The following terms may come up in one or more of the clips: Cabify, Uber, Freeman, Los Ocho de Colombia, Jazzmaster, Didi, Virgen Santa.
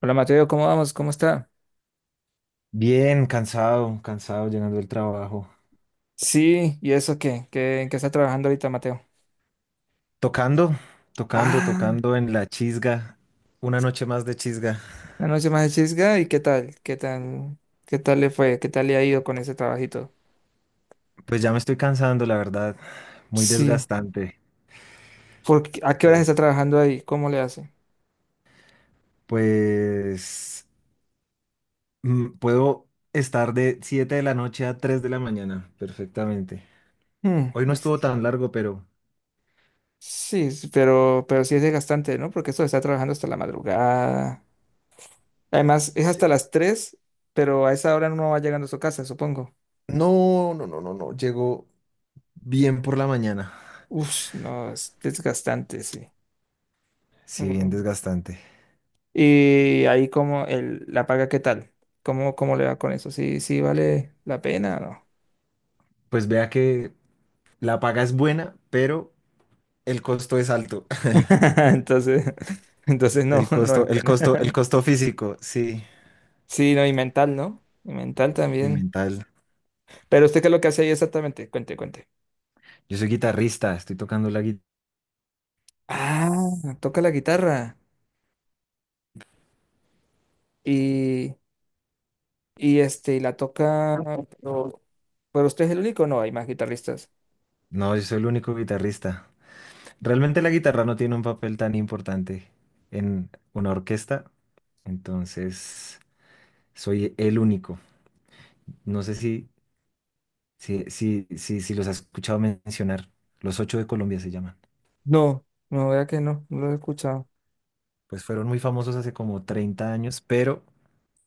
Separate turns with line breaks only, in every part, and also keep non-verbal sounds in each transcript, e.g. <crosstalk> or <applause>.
Hola Mateo, ¿cómo vamos? ¿Cómo está?
Bien, cansado, cansado llegando del trabajo.
Sí, ¿y eso qué? ¿Qué, en qué está trabajando ahorita Mateo?
Tocando, tocando,
Ah,
tocando en la chisga. Una noche más de chisga.
la noche más de chisga, ¿y qué tal? ¿Qué tal? ¿Qué tal le fue? ¿Qué tal le ha ido con ese trabajito?
Pues ya me estoy cansando, la verdad. Muy
Sí,
desgastante.
¿por qué- ¿a qué horas
Sí.
está trabajando ahí? ¿Cómo le hace?
Pues puedo estar de 7 de la noche a 3 de la mañana, perfectamente.
Hmm,
Hoy no
y es
estuvo
que-
tan largo, pero...
Sí, sí, pero sí es desgastante, ¿no? Porque esto está trabajando hasta la madrugada. Además, es hasta
Sí.
las 3, pero a esa hora no va llegando a su casa, supongo.
No, no, no, no, no. Llegó bien por la mañana.
Uf, no, es desgastante, sí.
Sí, bien desgastante.
Y ahí como el, la paga, ¿qué tal? ¿Cómo, cómo le va con eso? ¿Sí, sí vale la pena o no?
Pues vea que la paga es buena, pero el costo es alto.
<laughs> Entonces, <laughs> entonces no,
El
no es
costo, el
buena.
costo, el
<laughs>
costo físico, sí,
Sí, no, y mental, ¿no? Y mental
y
también.
mental.
Pero usted qué es lo que hace ahí exactamente, cuente, cuente.
Yo soy guitarrista, estoy tocando la guitarra.
Ah, toca la guitarra. Y, y y la toca, pero, pero usted es el único, no, hay más guitarristas.
No, yo soy el único guitarrista. Realmente la guitarra no tiene un papel tan importante en una orquesta, entonces soy el único. No sé si los has escuchado mencionar. Los Ocho de Colombia se llaman.
No, no, vea que no, no lo he escuchado.
Pues fueron muy famosos hace como 30 años, pero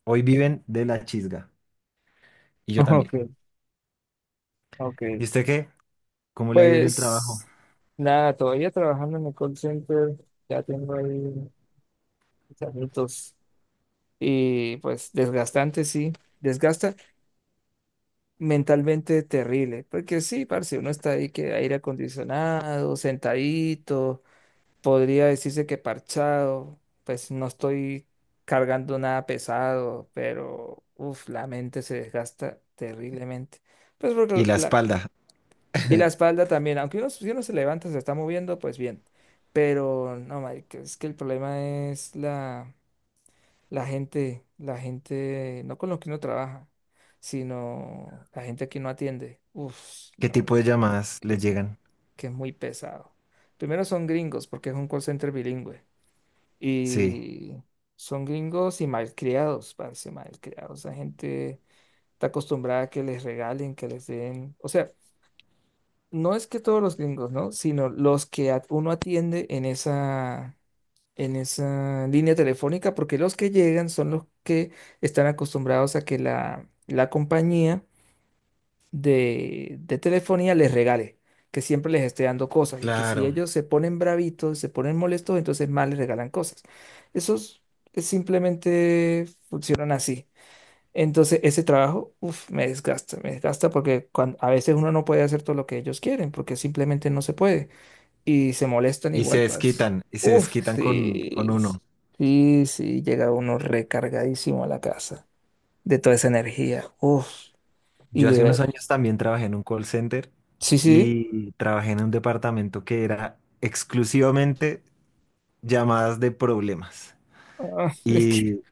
hoy viven de la chisga. Y yo
<laughs>
también.
Ok, ok.
¿Y usted qué? ¿Cómo le ha ido en el trabajo?
Pues nada, todavía trabajando en el call center, ya tengo ahí mis añitos y pues desgastante, sí, desgasta mentalmente terrible, porque sí, parce, uno está ahí que aire acondicionado, sentadito, podría decirse que parchado, pues no estoy cargando nada pesado, pero la mente se desgasta terriblemente. Pues
Y
porque
la
la,
espalda.
y la espalda también, aunque uno, si uno se levanta, se está moviendo, pues bien. Pero no, marica, es que el problema es la, la gente, no con lo que uno trabaja, sino la gente que uno atiende. Uf,
¿Qué
no,
tipo de llamadas les
es
llegan?
que es muy pesado. Primero son gringos, porque es un call center bilingüe.
Sí,
Y son gringos y malcriados, parece malcriados. La gente está acostumbrada a que les regalen, que les den. O sea, no es que todos los gringos, ¿no? Sino los que at- uno atiende en esa línea telefónica, porque los que llegan son los que están acostumbrados a que la compañía de telefonía les regale, que siempre les esté dando cosas y que si
claro.
ellos se ponen bravitos, se ponen molestos, entonces más les regalan cosas. Esos simplemente funcionan así. Entonces, ese trabajo, uf, me desgasta porque cuan- a veces uno no puede hacer todo lo que ellos quieren porque simplemente no se puede y se molestan igual, parce.
Y se
Uf,
desquitan con
sí,
uno.
sí, sí, llega uno recargadísimo a la casa de toda esa energía, uf, y
Yo hace unos
libera.
años también trabajé en un call center
Sí, sí,
y trabajé en un departamento que era exclusivamente llamadas de problemas.
ah, <laughs> es que,
Y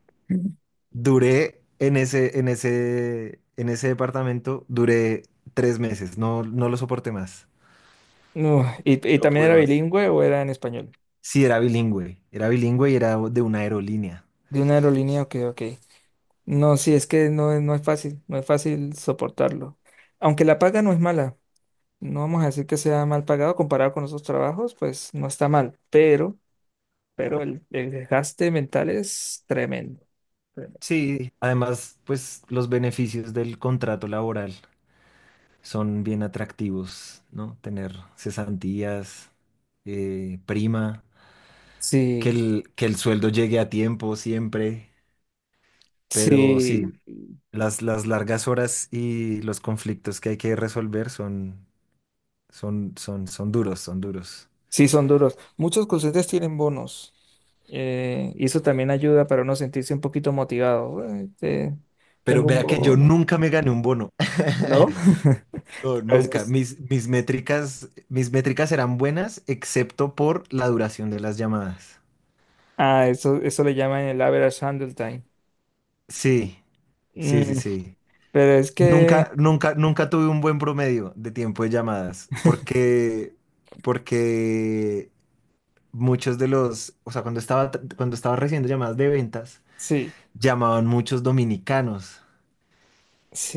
duré en ese departamento, duré 3 meses, no, no lo soporté más.
no, y
No
también
pude
era
más.
bilingüe o era en español,
Sí, era bilingüe y era de una aerolínea.
de una aerolínea, ok, ok. No, sí, es que no, es- no es fácil, no es fácil soportarlo. Aunque la paga no es mala. No vamos a decir que sea mal pagado comparado con otros trabajos, pues no está mal, pero el desgaste mental es tremendo. Tremendo.
Sí, además, pues los beneficios del contrato laboral son bien atractivos, ¿no? Tener cesantías, prima, que
Sí,
el, que el sueldo llegue a tiempo siempre, pero sí,
sí,
las largas horas y los conflictos que hay que resolver son duros, son duros.
sí son duros. Muchos docentes tienen bonos. Y eso también ayuda para uno sentirse un poquito motivado. Bueno, este,
Pero
tengo un
vea que yo
bono,
nunca me gané un bono.
¿no? <laughs>
No,
Pero es que
nunca.
es-
Mis métricas eran buenas, excepto por la duración de las llamadas.
ah, eso le llaman el average handle time.
Sí, sí, sí,
Mm,
sí.
pero es que
Nunca, nunca, nunca tuve un buen promedio de tiempo de llamadas,
<laughs>
porque muchos de los, o sea, cuando estaba recibiendo llamadas de ventas,
sí,
llamaban muchos dominicanos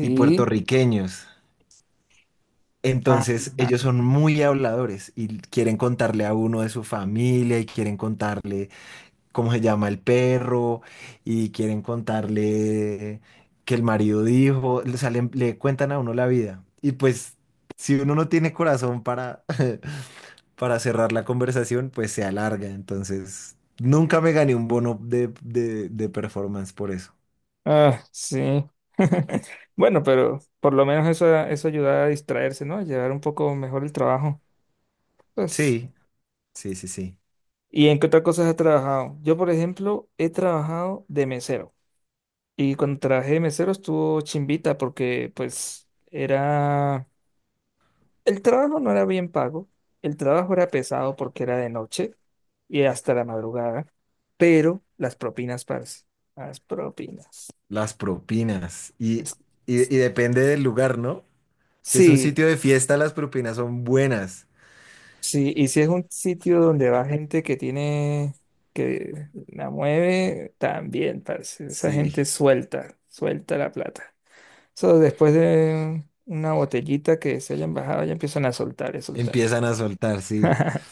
y puertorriqueños.
Ajá.
Entonces, ellos son muy habladores y quieren contarle a uno de su familia y quieren contarle cómo se llama el perro y quieren contarle que el marido dijo, o sea, le cuentan a uno la vida. Y pues si uno no tiene corazón para, <laughs> para cerrar la conversación, pues se alarga. Entonces, nunca me gané un bono de performance por eso.
Ah, sí. <laughs> Bueno, pero por lo menos eso, eso ayuda a distraerse, ¿no? A llevar un poco mejor el trabajo. Pues,
Sí, sí, sí, sí.
¿y en qué otras cosas has trabajado? Yo, por ejemplo, he trabajado de mesero. Y cuando trabajé de mesero estuvo chimbita porque, pues, era... El trabajo no era bien pago. El trabajo era pesado porque era de noche y hasta la madrugada. Pero las propinas, parce. Las propinas.
Las propinas. Y,
Es-
y, y depende del lugar, ¿no? Si es un
Sí,
sitio de fiesta, las propinas son buenas.
sí, y si es un sitio donde va gente que tiene, que la mueve, también, parce. Esa
Sí,
gente suelta, suelta la plata. So, después de una botellita que se hayan bajado, ya empiezan a soltar, a soltar.
empiezan a soltar, sí,
<laughs>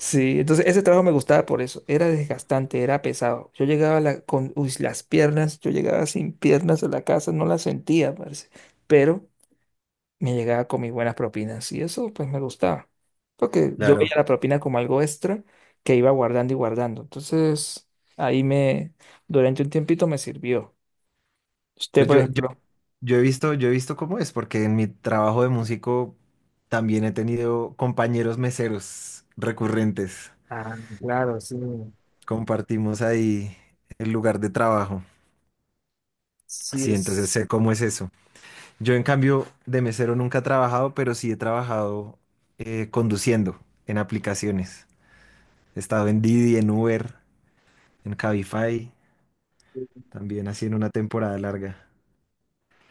Sí, entonces ese trabajo me gustaba por eso. Era desgastante, era pesado. Yo llegaba a la- con uy, las piernas, yo llegaba sin piernas a la casa, no las sentía, parce. Pero me llegaba con mis buenas propinas y eso pues me gustaba, porque yo veía
claro.
la propina como algo extra que iba guardando y guardando. Entonces, ahí me, durante un tiempito me sirvió. Usted,
Pues
por
yo,
ejemplo,
yo he visto cómo es, porque en mi trabajo de músico también he tenido compañeros meseros recurrentes.
ah, claro, sí.
Compartimos ahí el lugar de trabajo.
Sí,
Sí, entonces
es.
sé cómo es eso. Yo en cambio de mesero nunca he trabajado, pero sí he trabajado conduciendo en aplicaciones. He estado en Didi, en Uber, en Cabify, también así en una temporada larga.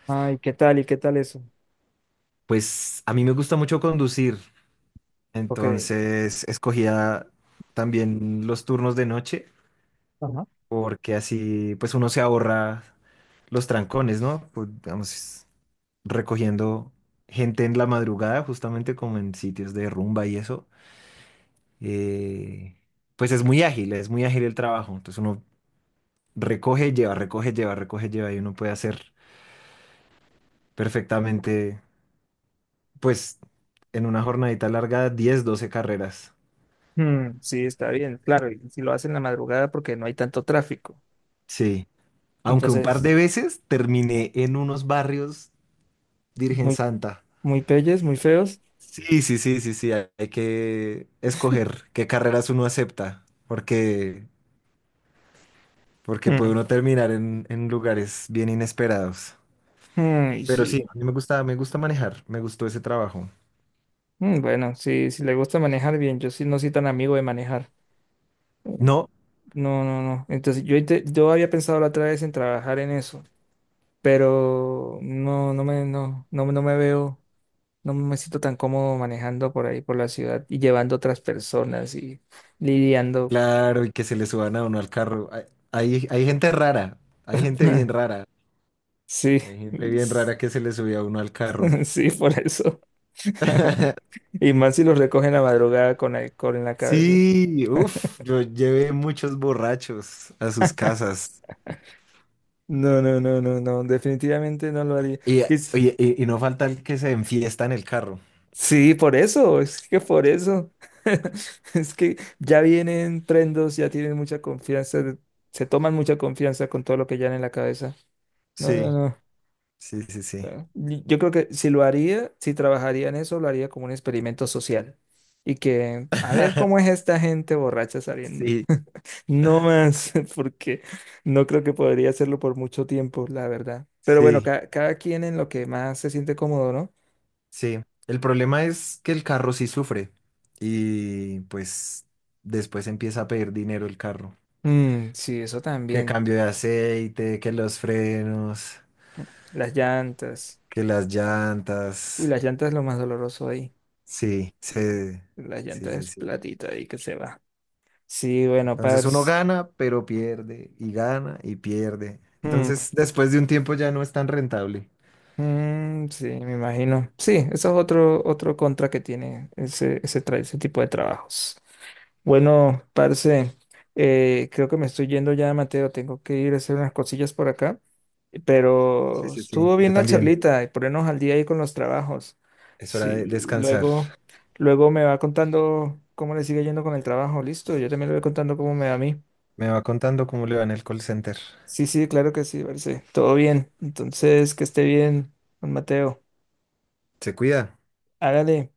Ay, ¿qué tal y qué tal eso?
Pues a mí me gusta mucho conducir.
Ok.
Entonces escogía también los turnos de noche
Ajá.
porque así pues uno se ahorra los trancones, ¿no? Pues, digamos, recogiendo gente en la madrugada, justamente como en sitios de rumba y eso. eh, pues es muy ágil el trabajo. Entonces uno recoge, lleva, recoge, lleva, recoge, lleva y uno puede hacer perfectamente pues en una jornadita larga 10, 12 carreras.
Mm, sí, está bien, claro, y si lo hacen en la madrugada porque no hay tanto tráfico.
Sí. Aunque un par de
Entonces,
veces terminé en unos barrios Virgen
muy,
Santa.
muy peyes, muy feos.
Sí, sí, sí, sí, sí. Hay que escoger qué carreras uno acepta, porque puede
Mm,
uno terminar en lugares bien inesperados.
mm,
Pero sí,
sí.
a mí me gusta manejar, me gustó ese trabajo.
Mm, bueno, si, si le gusta manejar bien, yo sí no soy tan amigo de manejar. Mm.
No,
No, no, no. Entonces yo, inte- yo había pensado la otra vez en trabajar en eso, pero no, no, no, no me veo, no me siento tan cómodo manejando por ahí, por la ciudad y llevando otras personas y lidiando.
claro, y que se le suban a uno al carro. Hay gente rara, hay gente bien
<laughs>
rara,
Sí,
hay gente bien
es-
rara que se le subía a uno al carro.
<laughs> sí, por eso. <laughs>
<laughs>
Y más si los recogen a madrugada con alcohol en la cabeza.
Sí, uff, yo llevé muchos borrachos a sus casas.
No, no, no, no, no, definitivamente no lo haría.
Y, oye, y no falta el que se enfiesta en el carro.
Sí, por eso, es que por eso. <laughs> Es que ya vienen prendos, ya tienen mucha confianza, de- se toman mucha confianza con todo lo que llevan en la cabeza. No, no,
Sí,
no.
sí, sí, sí.
No. Y yo creo que si lo haría, si trabajaría en eso, lo haría como un experimento social. Y que, a ver cómo es
<laughs>
esta gente borracha saliendo.
Sí,
<laughs> No más, <laughs> porque no creo que podría hacerlo por mucho tiempo, la verdad. Pero bueno,
sí,
ca- cada quien en lo que más se siente cómodo, ¿no?
sí. El problema es que el carro sí sufre. Y pues después empieza a pedir dinero el carro.
Mm, sí, eso
Que
también.
cambio de aceite, que los frenos,
Las llantas.
que las
Uy,
llantas.
las llantas es lo más doloroso ahí.
Sí,
Las
sí,
llantas
sí,
es
sí.
platita ahí que se va. Sí, bueno,
Entonces uno
Pers.
gana, pero pierde, y gana, y pierde.
Mm,
Entonces después de un tiempo ya no es tan rentable.
mm, sí, me imagino. Sí, eso es otro, otro contra que tiene ese, ese, tra- ese tipo de trabajos. Bueno, parce, creo que me estoy yendo ya, Mateo. Tengo que ir a hacer unas cosillas por acá.
Sí,
Pero
sí, sí.
estuvo
Yo
bien la
también.
charlita y ponernos al día ahí con los trabajos.
Es hora de
Sí,
descansar.
luego, luego me va contando cómo le sigue yendo con el trabajo. Listo, yo también le voy contando cómo me va a mí.
Me va contando cómo le va en el call center.
Sí, sí, claro que sí, parce. Todo bien. Entonces, que esté bien, don Mateo.
Se cuida.
Hágale.